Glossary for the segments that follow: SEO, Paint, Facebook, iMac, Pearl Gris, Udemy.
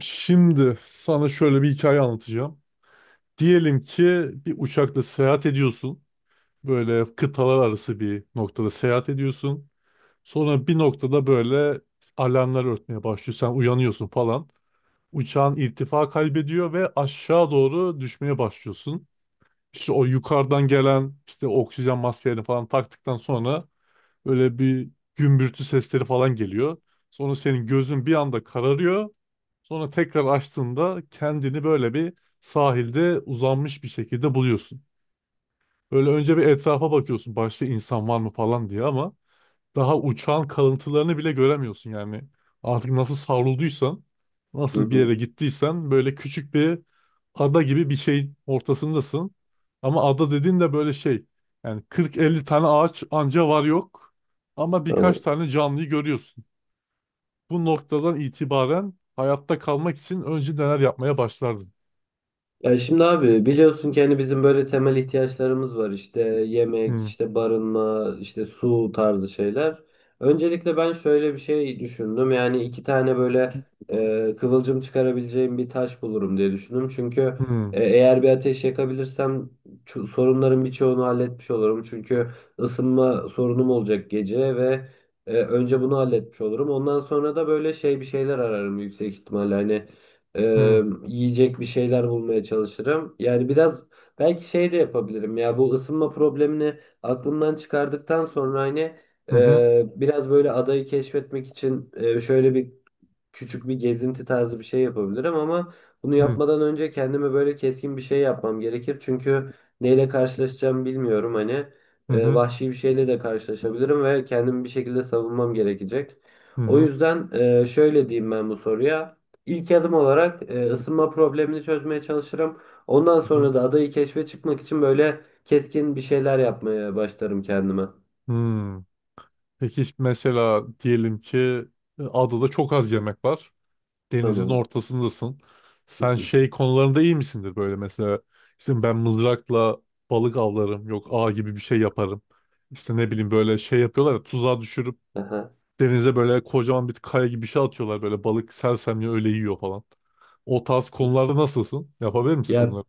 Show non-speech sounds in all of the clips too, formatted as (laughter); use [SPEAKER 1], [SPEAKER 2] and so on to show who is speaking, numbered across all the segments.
[SPEAKER 1] Şimdi sana şöyle bir hikaye anlatacağım. Diyelim ki bir uçakla seyahat ediyorsun. Böyle kıtalar arası bir noktada seyahat ediyorsun. Sonra bir noktada böyle alarmlar örtmeye başlıyor. Sen uyanıyorsun falan. Uçağın irtifa kaybediyor ve aşağı doğru düşmeye başlıyorsun. İşte o yukarıdan gelen işte oksijen maskelerini falan taktıktan sonra böyle bir gümbürtü sesleri falan geliyor. Sonra senin gözün bir anda kararıyor. Sonra tekrar açtığında kendini böyle bir sahilde uzanmış bir şekilde buluyorsun. Böyle önce bir etrafa bakıyorsun, başka insan var mı falan diye, ama daha uçağın kalıntılarını bile göremiyorsun yani. Artık nasıl savrulduysan,
[SPEAKER 2] Hı
[SPEAKER 1] nasıl bir
[SPEAKER 2] hı.
[SPEAKER 1] yere gittiysen, böyle küçük bir ada gibi bir şeyin ortasındasın. Ama ada dediğin de böyle şey, yani 40-50 tane ağaç anca var yok, ama birkaç
[SPEAKER 2] Tamam.
[SPEAKER 1] tane canlıyı görüyorsun. Bu noktadan itibaren hayatta kalmak için önce neler yapmaya başlardın?
[SPEAKER 2] Ya şimdi abi biliyorsun ki hani bizim böyle temel ihtiyaçlarımız var işte yemek,
[SPEAKER 1] Hmm.
[SPEAKER 2] işte barınma, işte su tarzı şeyler. Öncelikle ben şöyle bir şey düşündüm yani iki tane böyle kıvılcım çıkarabileceğim bir taş bulurum diye düşündüm. Çünkü
[SPEAKER 1] Hmm.
[SPEAKER 2] eğer bir ateş yakabilirsem sorunların birçoğunu halletmiş olurum. Çünkü ısınma sorunum olacak gece ve önce bunu halletmiş olurum. Ondan sonra da böyle şey bir şeyler ararım yüksek ihtimalle hani.
[SPEAKER 1] Hmm.
[SPEAKER 2] Yiyecek bir şeyler bulmaya çalışırım. Yani biraz belki şey de yapabilirim ya bu ısınma problemini aklımdan çıkardıktan sonra hani
[SPEAKER 1] Hı hı.
[SPEAKER 2] biraz böyle adayı keşfetmek için şöyle bir küçük bir gezinti tarzı bir şey yapabilirim ama bunu
[SPEAKER 1] Hı hı.
[SPEAKER 2] yapmadan önce kendime böyle keskin bir şey yapmam gerekir. Çünkü neyle karşılaşacağım bilmiyorum hani
[SPEAKER 1] Hı hı.
[SPEAKER 2] vahşi bir şeyle de karşılaşabilirim ve kendimi bir şekilde savunmam gerekecek.
[SPEAKER 1] Hı
[SPEAKER 2] O
[SPEAKER 1] hı.
[SPEAKER 2] yüzden şöyle diyeyim ben bu soruya. İlk adım olarak ısınma problemini çözmeye çalışırım. Ondan
[SPEAKER 1] Hı
[SPEAKER 2] sonra da adayı keşfe çıkmak için böyle keskin bir şeyler yapmaya başlarım kendime.
[SPEAKER 1] hı. Peki mesela diyelim ki adada çok az yemek var. Denizin
[SPEAKER 2] Tamam.
[SPEAKER 1] ortasındasın. Sen şey
[SPEAKER 2] (laughs)
[SPEAKER 1] konularında iyi misindir böyle mesela? İşte ben mızrakla balık avlarım. Yok, ağ gibi bir şey yaparım. İşte ne bileyim, böyle şey yapıyorlar ya, tuzağa düşürüp
[SPEAKER 2] Aha.
[SPEAKER 1] denize böyle kocaman bir kaya gibi bir şey atıyorlar. Böyle balık sersemle öyle yiyor falan. O tarz konularda nasılsın? Yapabilir misin
[SPEAKER 2] Ya
[SPEAKER 1] bunları?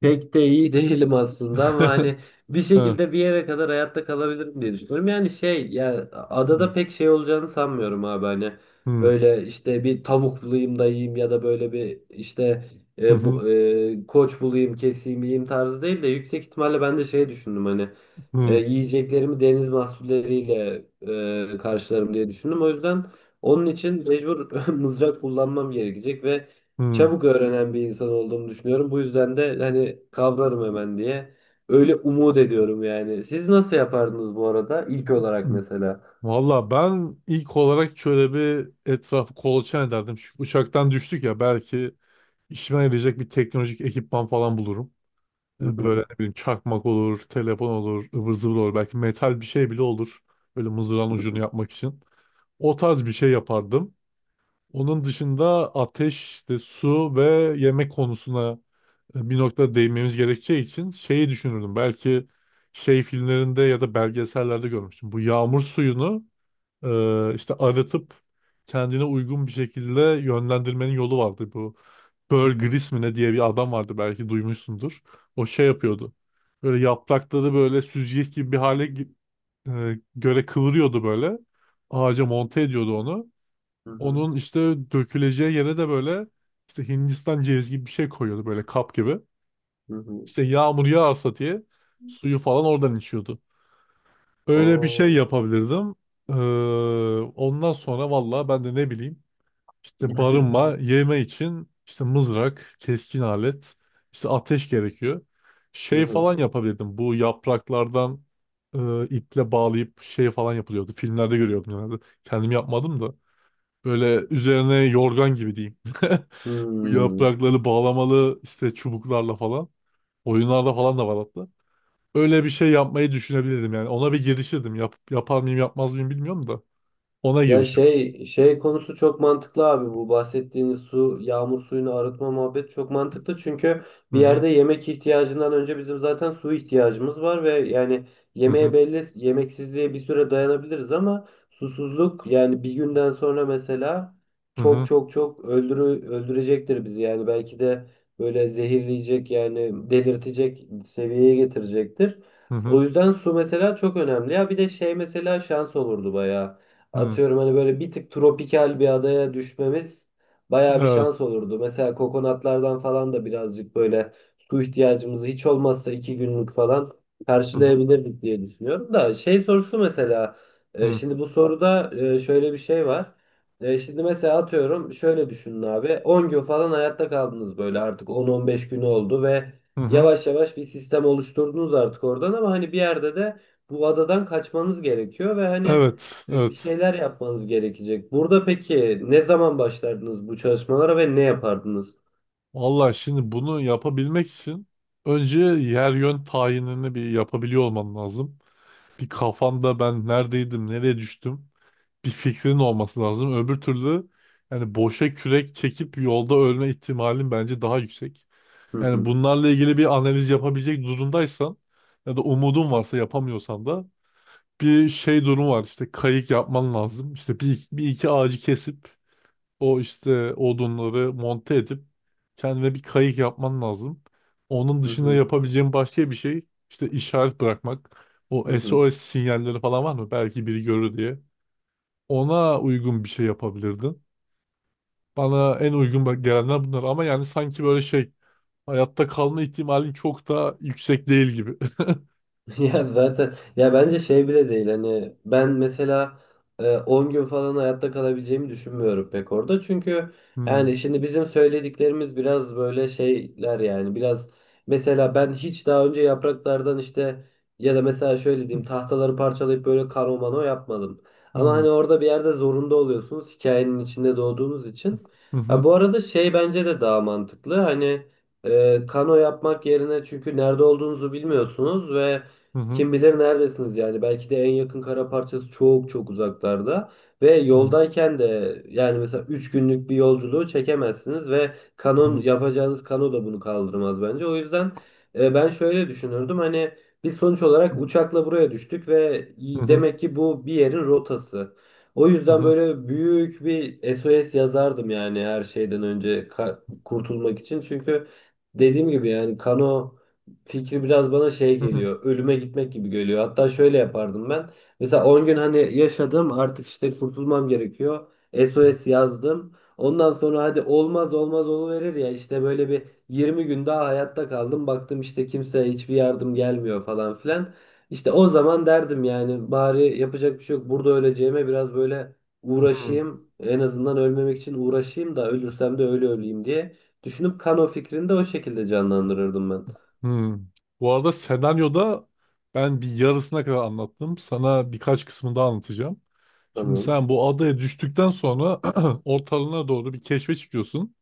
[SPEAKER 2] pek de iyi (laughs) değilim aslında ama
[SPEAKER 1] (laughs)
[SPEAKER 2] hani bir
[SPEAKER 1] Hı.
[SPEAKER 2] şekilde bir yere kadar hayatta kalabilirim diye düşünüyorum. Yani şey ya adada pek şey olacağını sanmıyorum abi hani
[SPEAKER 1] Hı.
[SPEAKER 2] böyle işte bir tavuk bulayım da yiyeyim ya da böyle bir işte
[SPEAKER 1] Hı.
[SPEAKER 2] koç bulayım keseyim yiyeyim tarzı değil de yüksek ihtimalle ben de şey düşündüm hani
[SPEAKER 1] Hı.
[SPEAKER 2] yiyeceklerimi deniz mahsulleriyle karşılarım diye düşündüm. O yüzden onun için mecbur (laughs) mızrak kullanmam gerekecek ve
[SPEAKER 1] Hı.
[SPEAKER 2] çabuk öğrenen bir insan olduğumu düşünüyorum. Bu yüzden de hani kavrarım hemen diye. Öyle umut ediyorum yani. Siz nasıl yapardınız bu arada? İlk olarak
[SPEAKER 1] Hı.
[SPEAKER 2] mesela.
[SPEAKER 1] Valla ben ilk olarak şöyle bir etrafı kolaçan ederdim. Çünkü uçaktan düştük ya, belki işime yarayacak bir teknolojik ekipman falan bulurum.
[SPEAKER 2] Hı hı,
[SPEAKER 1] Böyle ne bileyim, çakmak olur, telefon olur, ıvır zıvır olur. Belki metal bir şey bile olur. Böyle mızrağın
[SPEAKER 2] hı
[SPEAKER 1] ucunu
[SPEAKER 2] hı,
[SPEAKER 1] yapmak için. O tarz bir şey yapardım. Onun dışında ateş, işte su ve yemek konusuna bir noktada değinmemiz gerekeceği için şeyi düşünürdüm. Belki şey, filmlerinde ya da belgesellerde görmüştüm. Bu yağmur suyunu işte arıtıp kendine uygun bir şekilde yönlendirmenin yolu vardı. Bu Pearl Gris mi ne diye bir adam vardı, belki duymuşsundur. O şey yapıyordu. Böyle yaprakları böyle süzgeç gibi bir hale göre kıvırıyordu böyle. Ağaca monte ediyordu onu.
[SPEAKER 2] hı hı,
[SPEAKER 1] Onun işte döküleceği yere de böyle işte Hindistan cevizi gibi bir şey koyuyordu, böyle kap gibi.
[SPEAKER 2] hı hı.
[SPEAKER 1] İşte yağmur yağarsa diye suyu falan oradan içiyordu. Öyle bir şey
[SPEAKER 2] Oo.
[SPEAKER 1] yapabilirdim. Ee, ondan sonra valla ben de ne bileyim, işte barınma, yeme için işte mızrak, keskin alet, işte ateş gerekiyor.
[SPEAKER 2] Hı
[SPEAKER 1] Şey
[SPEAKER 2] hı.
[SPEAKER 1] falan yapabilirdim. Bu yapraklardan iple bağlayıp şey falan yapılıyordu. Filmlerde görüyordum genelde. Kendim yapmadım da. Böyle üzerine yorgan gibi diyeyim. (laughs) Bu
[SPEAKER 2] Hmm.
[SPEAKER 1] yaprakları bağlamalı işte çubuklarla falan. Oyunlarda falan da var hatta, öyle bir şey yapmayı düşünebilirdim yani. Ona bir girişirdim. Yap, yapar mıyım yapmaz mıyım bilmiyorum da. Ona
[SPEAKER 2] Ya
[SPEAKER 1] girişirdim.
[SPEAKER 2] şey konusu çok mantıklı abi, bu bahsettiğiniz su, yağmur suyunu arıtma muhabbeti çok mantıklı çünkü
[SPEAKER 1] Hı.
[SPEAKER 2] bir
[SPEAKER 1] Hı.
[SPEAKER 2] yerde yemek ihtiyacından önce bizim zaten su ihtiyacımız var ve yani
[SPEAKER 1] Hı.
[SPEAKER 2] yemeğe
[SPEAKER 1] Hı.
[SPEAKER 2] belli yemeksizliğe bir süre dayanabiliriz ama susuzluk yani bir günden sonra mesela çok
[SPEAKER 1] Hı.
[SPEAKER 2] çok çok öldürü öldürecektir bizi yani belki de böyle zehirleyecek yani delirtecek seviyeye getirecektir.
[SPEAKER 1] Hı. Hı. Hı.
[SPEAKER 2] O yüzden su mesela çok önemli ya bir de şey mesela şans olurdu bayağı.
[SPEAKER 1] Hı.
[SPEAKER 2] Atıyorum hani böyle bir tık tropikal bir adaya düşmemiz bayağı bir
[SPEAKER 1] Evet.
[SPEAKER 2] şans olurdu. Mesela kokonatlardan falan da birazcık böyle su ihtiyacımızı hiç olmazsa iki günlük falan
[SPEAKER 1] Hı. Hı.
[SPEAKER 2] karşılayabilirdik diye düşünüyorum. Da şey sorusu mesela
[SPEAKER 1] Hı.
[SPEAKER 2] şimdi bu soruda şöyle bir şey var. Şimdi mesela atıyorum şöyle düşünün abi, 10 gün falan hayatta kaldınız, böyle artık 10-15 günü oldu ve
[SPEAKER 1] Hı. Hı.
[SPEAKER 2] yavaş yavaş bir sistem oluşturdunuz artık oradan ama hani bir yerde de bu adadan kaçmanız gerekiyor ve hani
[SPEAKER 1] Evet,
[SPEAKER 2] bir
[SPEAKER 1] evet.
[SPEAKER 2] şeyler yapmanız gerekecek. Burada peki ne zaman başlardınız bu çalışmalara ve ne yapardınız?
[SPEAKER 1] Vallahi şimdi bunu yapabilmek için önce yer yön tayinini bir yapabiliyor olman lazım. Bir, kafanda ben neredeydim, nereye düştüm, bir fikrin olması lazım. Öbür türlü yani boşa kürek çekip yolda ölme ihtimalin bence daha yüksek.
[SPEAKER 2] Hı
[SPEAKER 1] Yani
[SPEAKER 2] hı,
[SPEAKER 1] bunlarla ilgili bir analiz yapabilecek durumdaysan ya da umudun varsa, yapamıyorsan da bir şey durum var, işte kayık yapman lazım. İşte bir iki ağacı kesip o işte odunları monte edip kendine bir kayık yapman lazım. Onun
[SPEAKER 2] hı
[SPEAKER 1] dışında
[SPEAKER 2] hı,
[SPEAKER 1] yapabileceğin başka bir şey işte işaret bırakmak.
[SPEAKER 2] hı
[SPEAKER 1] O
[SPEAKER 2] hı.
[SPEAKER 1] SOS sinyalleri falan var mı? Belki biri görür diye. Ona uygun bir şey yapabilirdin. Bana en uygun gelenler bunlar, ama yani sanki böyle şey, hayatta kalma ihtimalin çok da yüksek değil gibi. (laughs)
[SPEAKER 2] (laughs) Ya zaten ya bence şey bile değil hani ben mesela 10 gün falan hayatta kalabileceğimi düşünmüyorum pek orada. Çünkü
[SPEAKER 1] Hmm.
[SPEAKER 2] yani şimdi bizim söylediklerimiz biraz böyle şeyler yani biraz mesela ben hiç daha önce yapraklardan işte ya da mesela şöyle diyeyim tahtaları parçalayıp böyle karo mano yapmadım. Ama
[SPEAKER 1] Hmm.
[SPEAKER 2] hani orada bir yerde zorunda oluyorsunuz hikayenin içinde doğduğunuz için.
[SPEAKER 1] Hı
[SPEAKER 2] Ha,
[SPEAKER 1] hı.
[SPEAKER 2] bu arada şey bence de daha mantıklı hani kano yapmak yerine çünkü nerede olduğunuzu bilmiyorsunuz ve
[SPEAKER 1] Hı hı.
[SPEAKER 2] kim bilir neredesiniz yani belki de en yakın kara parçası çok çok uzaklarda ve
[SPEAKER 1] Hı hı.
[SPEAKER 2] yoldayken de yani mesela 3 günlük bir yolculuğu çekemezsiniz ve
[SPEAKER 1] Hı
[SPEAKER 2] kanon
[SPEAKER 1] hı.
[SPEAKER 2] yapacağınız kano da bunu kaldırmaz bence. O yüzden ben şöyle düşünürdüm hani biz sonuç olarak uçakla buraya düştük ve demek ki bu bir yerin rotası. O
[SPEAKER 1] Hı
[SPEAKER 2] yüzden
[SPEAKER 1] hı.
[SPEAKER 2] böyle büyük bir SOS yazardım yani her şeyden önce kurtulmak için çünkü dediğim gibi yani kano fikri biraz bana şey
[SPEAKER 1] Hı hı.
[SPEAKER 2] geliyor. Ölüme gitmek gibi geliyor. Hatta şöyle yapardım ben. Mesela 10 gün hani yaşadım artık işte kurtulmam gerekiyor. SOS yazdım. Ondan sonra hadi olmaz olmaz oluverir ya işte böyle bir 20 gün daha hayatta kaldım. Baktım işte kimseye hiçbir yardım gelmiyor falan filan. İşte o zaman derdim yani bari yapacak bir şey yok. Burada öleceğime biraz böyle
[SPEAKER 1] Hmm.
[SPEAKER 2] uğraşayım. En azından ölmemek için uğraşayım da ölürsem de öyle öleyim diye. Düşünüp kano fikrini de o şekilde canlandırırdım ben.
[SPEAKER 1] Hmm. Bu arada senaryoda ben bir yarısına kadar anlattım. Sana birkaç kısmını daha anlatacağım. Şimdi
[SPEAKER 2] Tamam.
[SPEAKER 1] sen bu adaya düştükten sonra (clears throat) ortalığına doğru bir keşfe çıkıyorsun.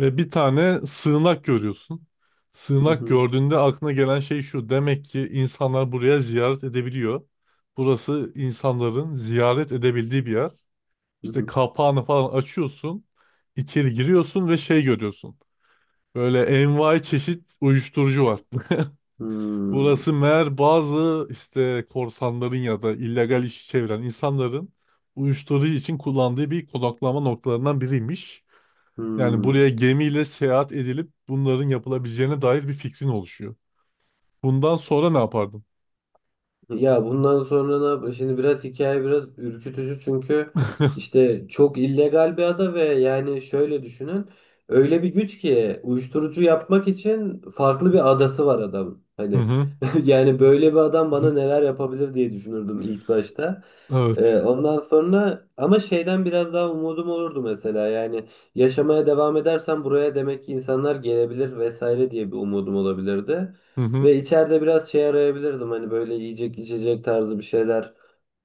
[SPEAKER 1] Ve bir tane sığınak görüyorsun.
[SPEAKER 2] Hı
[SPEAKER 1] Sığınak
[SPEAKER 2] hı.
[SPEAKER 1] gördüğünde aklına gelen şey şu: demek ki insanlar buraya ziyaret edebiliyor. Burası insanların ziyaret edebildiği bir yer.
[SPEAKER 2] Hı
[SPEAKER 1] İşte
[SPEAKER 2] hı.
[SPEAKER 1] kapağını falan açıyorsun, içeri giriyorsun ve şey görüyorsun. Böyle envai çeşit uyuşturucu var. (laughs)
[SPEAKER 2] Hmm.
[SPEAKER 1] Burası meğer bazı işte korsanların ya da illegal işi çeviren insanların uyuşturucu için kullandığı bir konaklama noktalarından biriymiş. Yani
[SPEAKER 2] Hmm.
[SPEAKER 1] buraya gemiyle seyahat edilip bunların yapılabileceğine dair bir fikrin oluşuyor. Bundan sonra ne yapardım?
[SPEAKER 2] Ya bundan sonra ne yap? Şimdi biraz hikaye biraz ürkütücü çünkü işte çok illegal bir ada ve yani şöyle düşünün. Öyle bir güç ki uyuşturucu yapmak için farklı bir adası var adam.
[SPEAKER 1] Hı
[SPEAKER 2] Hani
[SPEAKER 1] hı.
[SPEAKER 2] (laughs) yani böyle bir adam bana
[SPEAKER 1] (laughs)
[SPEAKER 2] neler yapabilir diye düşünürdüm ilk başta.
[SPEAKER 1] Evet.
[SPEAKER 2] Ondan sonra ama şeyden biraz daha umudum olurdu mesela yani yaşamaya devam edersem buraya demek ki insanlar gelebilir vesaire diye bir umudum olabilirdi.
[SPEAKER 1] Hı hı.
[SPEAKER 2] Ve içeride biraz şey arayabilirdim hani böyle yiyecek içecek tarzı bir şeyler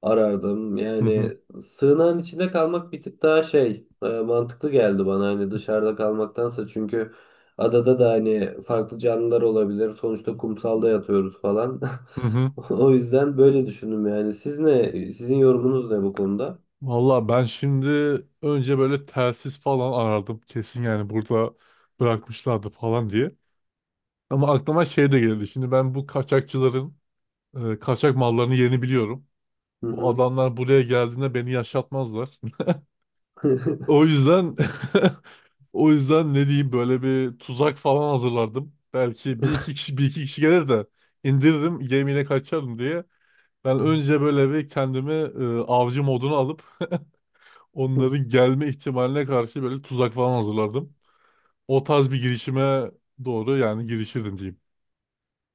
[SPEAKER 2] arardım.
[SPEAKER 1] Hı hı.
[SPEAKER 2] Yani sığınağın içinde kalmak bir tık daha şey mantıklı geldi bana hani dışarıda kalmaktansa çünkü adada da hani farklı canlılar olabilir. Sonuçta kumsalda yatıyoruz falan. (laughs)
[SPEAKER 1] Hı hı.
[SPEAKER 2] O yüzden böyle düşündüm yani. Siz ne? Sizin yorumunuz ne bu konuda?
[SPEAKER 1] Valla ben şimdi önce böyle telsiz falan arardım. Kesin yani burada bırakmışlardı falan diye. Ama aklıma şey de geldi. Şimdi ben bu kaçakçıların kaçak mallarını yerini biliyorum.
[SPEAKER 2] Hı
[SPEAKER 1] Bu
[SPEAKER 2] hı.
[SPEAKER 1] adamlar buraya geldiğinde beni yaşatmazlar. O
[SPEAKER 2] (laughs)
[SPEAKER 1] yüzden (laughs) o yüzden ne diyeyim, böyle bir tuzak falan hazırlardım. Belki bir iki kişi bir iki kişi gelir de indiririm, gemiyle kaçarım diye. Ben önce böyle bir kendimi avcı moduna alıp onların gelme ihtimaline karşı böyle tuzak falan hazırlardım. O tarz bir girişime doğru yani girişirdim diyeyim.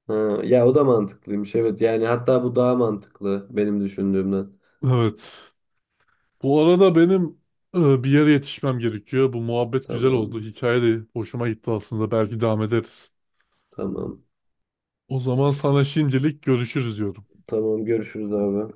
[SPEAKER 2] Ha, ya o da mantıklıymış, evet yani hatta bu daha mantıklı benim düşündüğümden.
[SPEAKER 1] Evet. Bu arada benim bir yere yetişmem gerekiyor. Bu muhabbet güzel oldu.
[SPEAKER 2] Tamam,
[SPEAKER 1] Hikaye de hoşuma gitti aslında. Belki devam ederiz.
[SPEAKER 2] tamam.
[SPEAKER 1] O zaman sana şimdilik görüşürüz diyorum.
[SPEAKER 2] Tamam, görüşürüz abi.